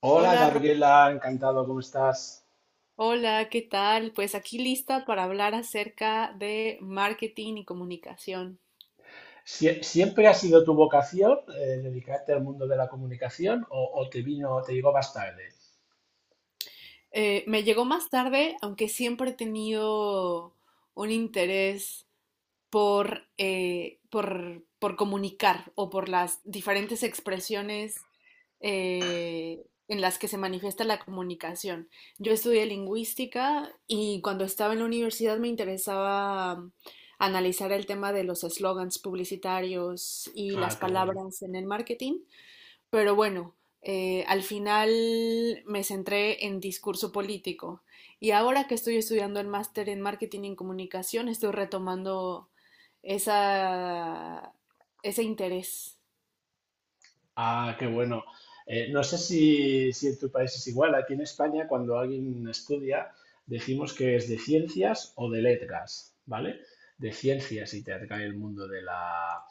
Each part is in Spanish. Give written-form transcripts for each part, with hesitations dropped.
Hola Hola, Ro- Gabriela, encantado, ¿cómo estás? hola, ¿qué tal? Pues aquí lista para hablar acerca de marketing y comunicación. ¿Siempre ha sido tu vocación dedicarte al mundo de la comunicación o te vino, te llegó más tarde? Me llegó más tarde, aunque siempre he tenido un interés por comunicar o por las diferentes expresiones en las que se manifiesta la comunicación. Yo estudié lingüística y cuando estaba en la universidad me interesaba analizar el tema de los eslogans publicitarios y las Ah, qué bueno. palabras en el marketing, pero bueno, al final me centré en discurso político y ahora que estoy estudiando el máster en marketing y comunicación, estoy retomando esa, ese interés. Ah, qué bueno. No sé si en tu país es igual. Aquí en España, cuando alguien estudia, decimos que es de ciencias o de letras, ¿vale? De ciencias y te atrae el mundo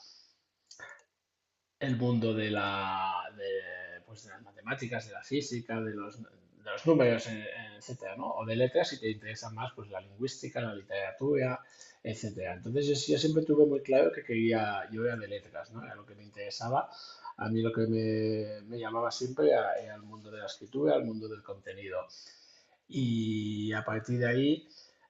el mundo de la, de, pues, de las matemáticas, de la física, de los números, etcétera, ¿no? O de letras, si te interesa más, pues la lingüística, la literatura, etcétera. Entonces yo siempre tuve muy claro que quería, yo era de letras, ¿no? Era lo que me interesaba. A mí lo que me llamaba siempre era el mundo de la escritura, el mundo del contenido. Y a partir de ahí,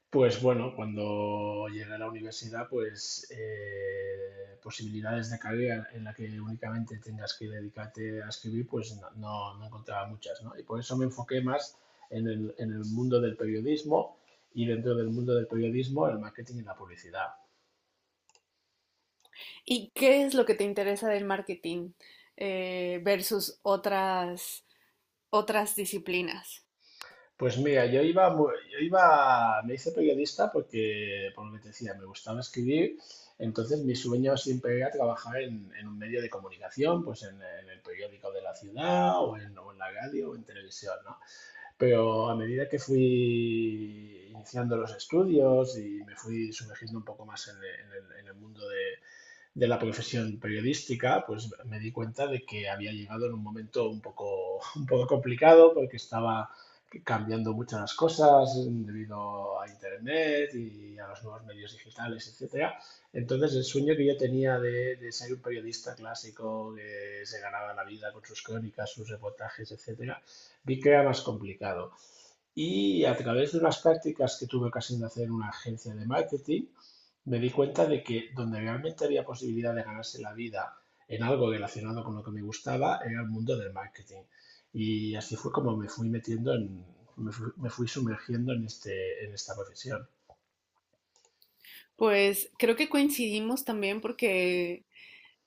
pues bueno, cuando llegué a la universidad, pues posibilidades de carrera en la que únicamente tengas que dedicarte a escribir, pues no encontraba muchas, ¿no? Y por eso me enfoqué más en el mundo del periodismo y dentro del mundo del periodismo, el marketing y la publicidad. ¿Y qué es lo que te interesa del marketing versus otras disciplinas? Pues mira, yo iba, me hice periodista porque, por lo que te decía, me gustaba escribir, entonces mi sueño siempre era trabajar en un medio de comunicación, pues en el periódico de la ciudad o en la radio o en televisión, ¿no? Pero a medida que fui iniciando los estudios y me fui sumergiendo un poco más en el mundo de la profesión periodística, pues me di cuenta de que había llegado en un momento un poco, un poco complicado porque estaba cambiando muchas cosas debido a Internet y a los nuevos medios digitales, etcétera. Entonces el sueño que yo tenía de ser un periodista clásico que se ganaba la vida con sus crónicas, sus reportajes, etcétera, vi que era más complicado. Y a través de unas prácticas que tuve ocasión de hacer en una agencia de marketing, me di cuenta de que donde realmente había posibilidad de ganarse la vida en algo relacionado con lo que me gustaba era el mundo del marketing. Y así fue como me fui metiendo en, me fui sumergiendo en este, en esta profesión. Pues creo que coincidimos también porque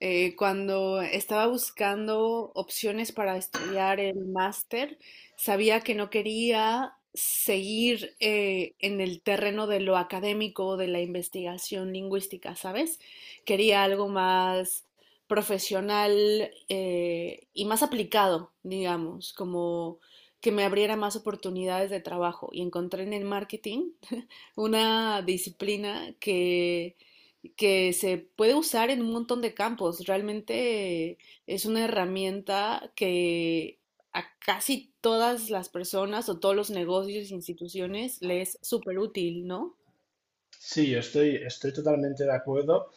cuando estaba buscando opciones para estudiar el máster, sabía que no quería seguir en el terreno de lo académico, o de la investigación lingüística, ¿sabes? Quería algo más profesional y más aplicado, digamos, como que me abriera más oportunidades de trabajo. Y encontré en el marketing una disciplina que se puede usar en un montón de campos. Realmente es una herramienta que a casi todas las personas o todos los negocios e instituciones les es súper útil, ¿no? Sí, estoy totalmente de acuerdo.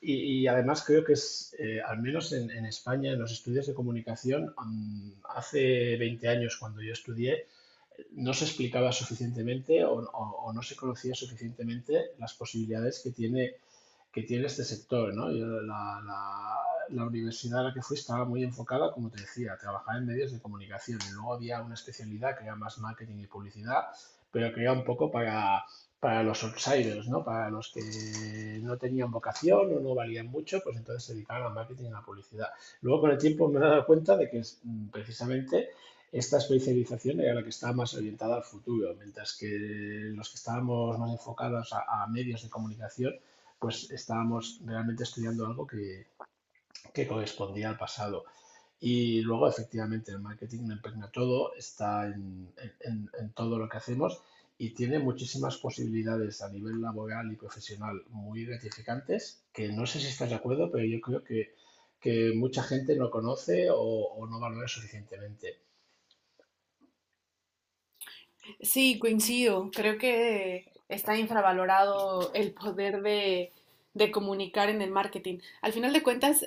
Y además creo que es, al menos en España, en los estudios de comunicación, hace 20 años cuando yo estudié, no se explicaba suficientemente o no se conocía suficientemente las posibilidades que tiene este sector, ¿no? La universidad a la que fui estaba muy enfocada, como te decía, a trabajar en medios de comunicación y luego había una especialidad que era más marketing y publicidad, pero que era un poco para los outsiders, ¿no? Para los que no tenían vocación o no valían mucho, pues entonces se dedicaban al marketing y a la publicidad. Luego con el tiempo me he dado cuenta de que es, precisamente esta especialización era la que estaba más orientada al futuro, mientras que los que estábamos más enfocados a medios de comunicación, pues estábamos realmente estudiando algo que correspondía al pasado. Y luego, efectivamente, el marketing lo impregna todo, está en todo lo que hacemos y tiene muchísimas posibilidades a nivel laboral y profesional muy gratificantes, que no sé si estás de acuerdo, pero yo creo que mucha gente no conoce o no valora suficientemente. Sí, coincido. Creo que está infravalorado el poder de comunicar en el marketing. Al final de cuentas,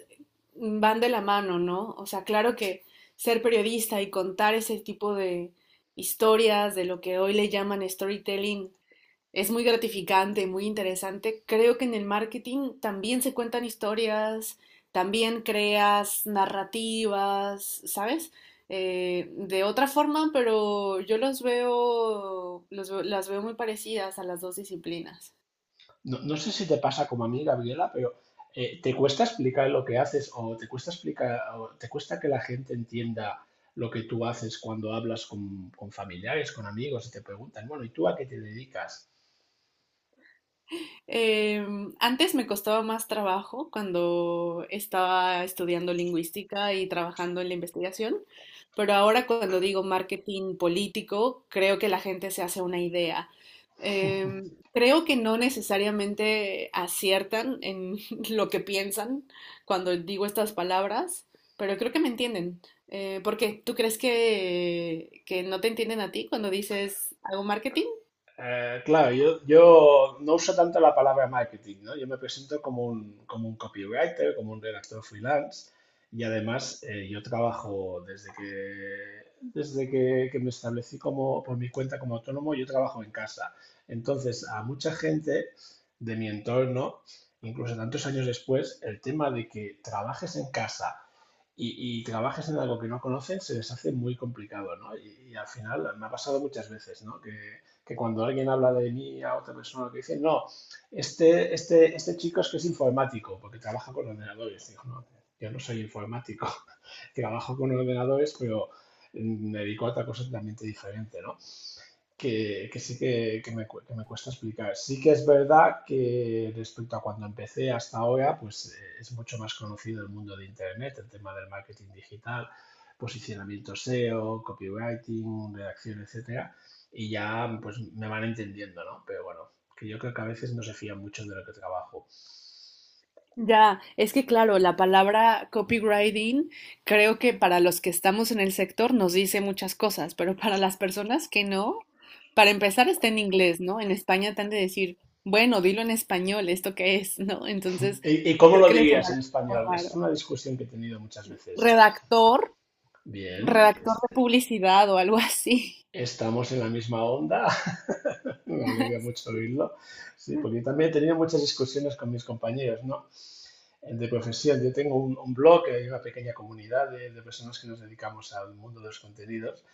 van de la mano, ¿no? O sea, claro que ser periodista y contar ese tipo de historias de lo que hoy le llaman storytelling es muy gratificante, muy interesante. Creo que en el marketing también se cuentan historias, también creas narrativas, ¿sabes? De otra forma, pero yo los veo, las veo muy parecidas a las dos disciplinas. No, no sé si te pasa como a mí, Gabriela, pero ¿te cuesta explicar lo que haces o te cuesta explicar o te cuesta que la gente entienda lo que tú haces cuando hablas con familiares, con amigos y te preguntan, bueno, ¿y tú a qué te dedicas? Eh, Antes me costaba más trabajo cuando estaba estudiando lingüística y trabajando en la investigación, pero ahora cuando digo marketing político, creo que la gente se hace una idea. Creo que no necesariamente aciertan en lo que piensan cuando digo estas palabras, pero creo que me entienden. ¿Por qué? ¿Tú crees que no te entienden a ti cuando dices hago marketing? Claro, yo no uso tanto la palabra marketing, ¿no? Yo me presento como como un copywriter, como un redactor freelance y además yo trabajo que me establecí como, por mi cuenta como autónomo, yo trabajo en casa. Entonces, a mucha gente de mi entorno, incluso tantos años después, el tema de que trabajes en casa y trabajes en algo que no conocen se les hace muy complicado, ¿no? Y al final me ha pasado muchas veces, ¿no? Que cuando alguien habla de mí a otra persona que dice, no, este chico es que es informático, porque trabaja con ordenadores. Digo, no, yo no soy informático, trabajo con ordenadores, pero me dedico a otra cosa totalmente diferente, ¿no? Que me cuesta explicar. Sí que es verdad que respecto a cuando empecé hasta ahora, pues es mucho más conocido el mundo de Internet, el tema del marketing digital, posicionamiento SEO, copywriting, redacción, etcétera, y ya pues me van entendiendo, ¿no? Pero bueno, que yo creo que a veces no se fían mucho de lo que trabajo. Ya, es que claro, la palabra copywriting creo que para los que estamos en el sector nos dice muchas cosas, pero para las personas que no, para empezar está en inglés, ¿no? En España te han de decir, bueno, dilo en español, ¿esto qué es? ¿No? Entonces, Y cómo creo lo que les dirías en sonará un poco español? Es raro. una discusión que he tenido muchas veces. Redactor, Bien, redactor de publicidad o algo así. estamos en la misma onda. Me alegra mucho oírlo. Sí, porque también he tenido muchas discusiones con mis compañeros, ¿no? De profesión. Yo tengo un blog, hay una pequeña comunidad de personas que nos dedicamos al mundo de los contenidos.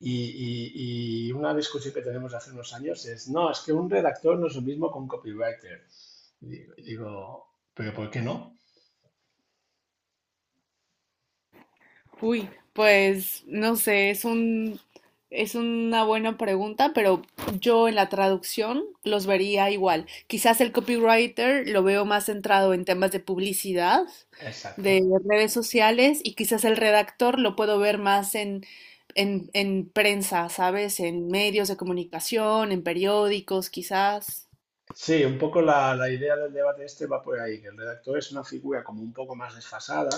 Y una discusión que tenemos hace unos años es, no, es que un redactor no es lo mismo que un copywriter. Y digo, pero ¿por qué no? Uy, pues no sé, es una buena pregunta, pero yo en la traducción los vería igual. Quizás el copywriter lo veo más centrado en temas de publicidad, Exacto. de redes sociales, y quizás el redactor lo puedo ver más en prensa, ¿sabes? En medios de comunicación, en periódicos, quizás. Sí, un poco la idea del debate este va por ahí, que el redactor es una figura como un poco más desfasada,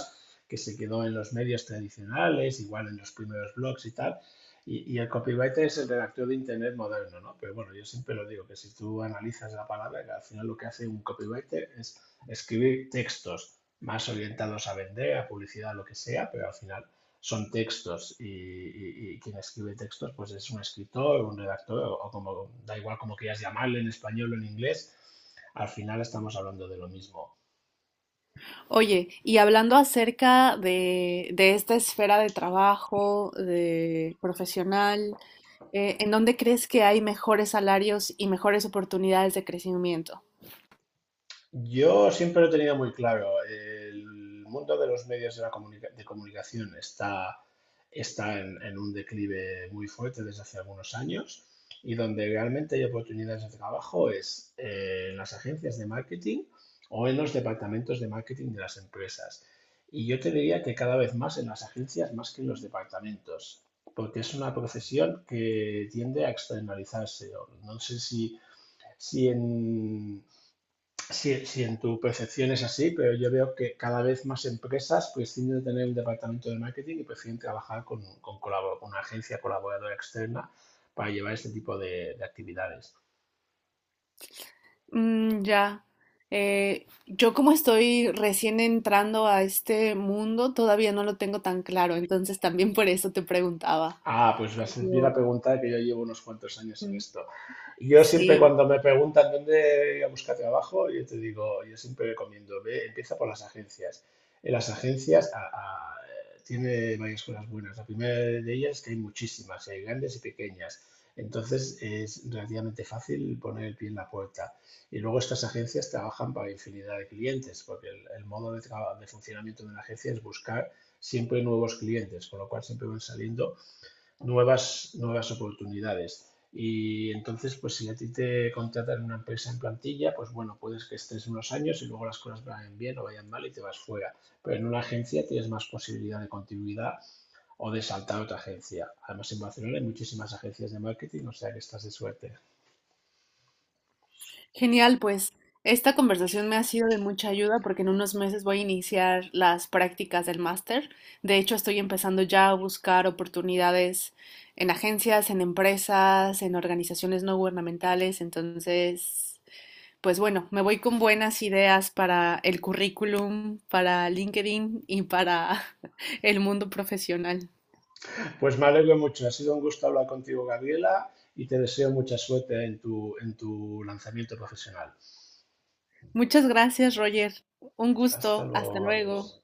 que se quedó en los medios tradicionales, igual en los primeros blogs y tal, y el copywriter es el redactor de Internet moderno, ¿no? Pero bueno, yo siempre lo digo, que si tú analizas la palabra, que al final lo que hace un copywriter es escribir textos más orientados a vender, a publicidad, lo que sea, pero al final son textos y quien escribe textos pues es un escritor, un redactor o como, da igual como quieras llamarle en español o en inglés, al final estamos hablando de lo mismo. Oye, y hablando acerca de esta esfera de trabajo, de profesional, ¿en dónde crees que hay mejores salarios y mejores oportunidades de crecimiento? Yo siempre lo he tenido muy claro. El mundo de los medios de comunicación está en un declive muy fuerte desde hace algunos años y donde realmente hay oportunidades de trabajo es en las agencias de marketing o en los departamentos de marketing de las empresas. Y yo te diría que cada vez más en las agencias más que en los departamentos, porque es una profesión que tiende a externalizarse. O no sé si si en, sí, sí, en tu percepción es así, pero yo veo que cada vez más empresas prescinden de tener un departamento de marketing y prefieren trabajar con una agencia colaboradora externa para llevar este tipo de actividades. Mm, ya. Yo como estoy recién entrando a este mundo, todavía no lo tengo tan claro, entonces también por eso te preguntaba. Ah, pues me haces bien la Como, pregunta que yo llevo unos cuantos años en mm, esto. Yo siempre Sí, cuando me preguntan dónde ir a buscar trabajo, yo te digo, yo siempre recomiendo, ve, empieza por las agencias. En las agencias tiene varias cosas buenas. La primera de ellas es que hay muchísimas, hay grandes y pequeñas. Entonces es relativamente fácil poner el pie en la puerta. Y luego estas agencias trabajan para infinidad de clientes, porque el modo de funcionamiento de una agencia es buscar siempre nuevos clientes, con lo cual siempre van saliendo nuevas oportunidades. Y entonces, pues si a ti te contratan una empresa en plantilla, pues bueno, puedes que estés unos años y luego las cosas vayan bien o vayan mal y te vas fuera. Pero en una agencia tienes más posibilidad de continuidad o de saltar a otra agencia. Además, en Barcelona hay muchísimas agencias de marketing, o sea que estás de suerte. genial, pues esta conversación me ha sido de mucha ayuda porque en unos meses voy a iniciar las prácticas del máster. De hecho, estoy empezando ya a buscar oportunidades en agencias, en empresas, en organizaciones no gubernamentales. Entonces, pues bueno, me voy con buenas ideas para el currículum, para LinkedIn y para el mundo profesional. Pues me alegro mucho, ha sido un gusto hablar contigo, Gabriela, y te deseo mucha suerte en tu lanzamiento profesional. Muchas gracias, Roger. Un Hasta gusto. Hasta luego, luego. adiós.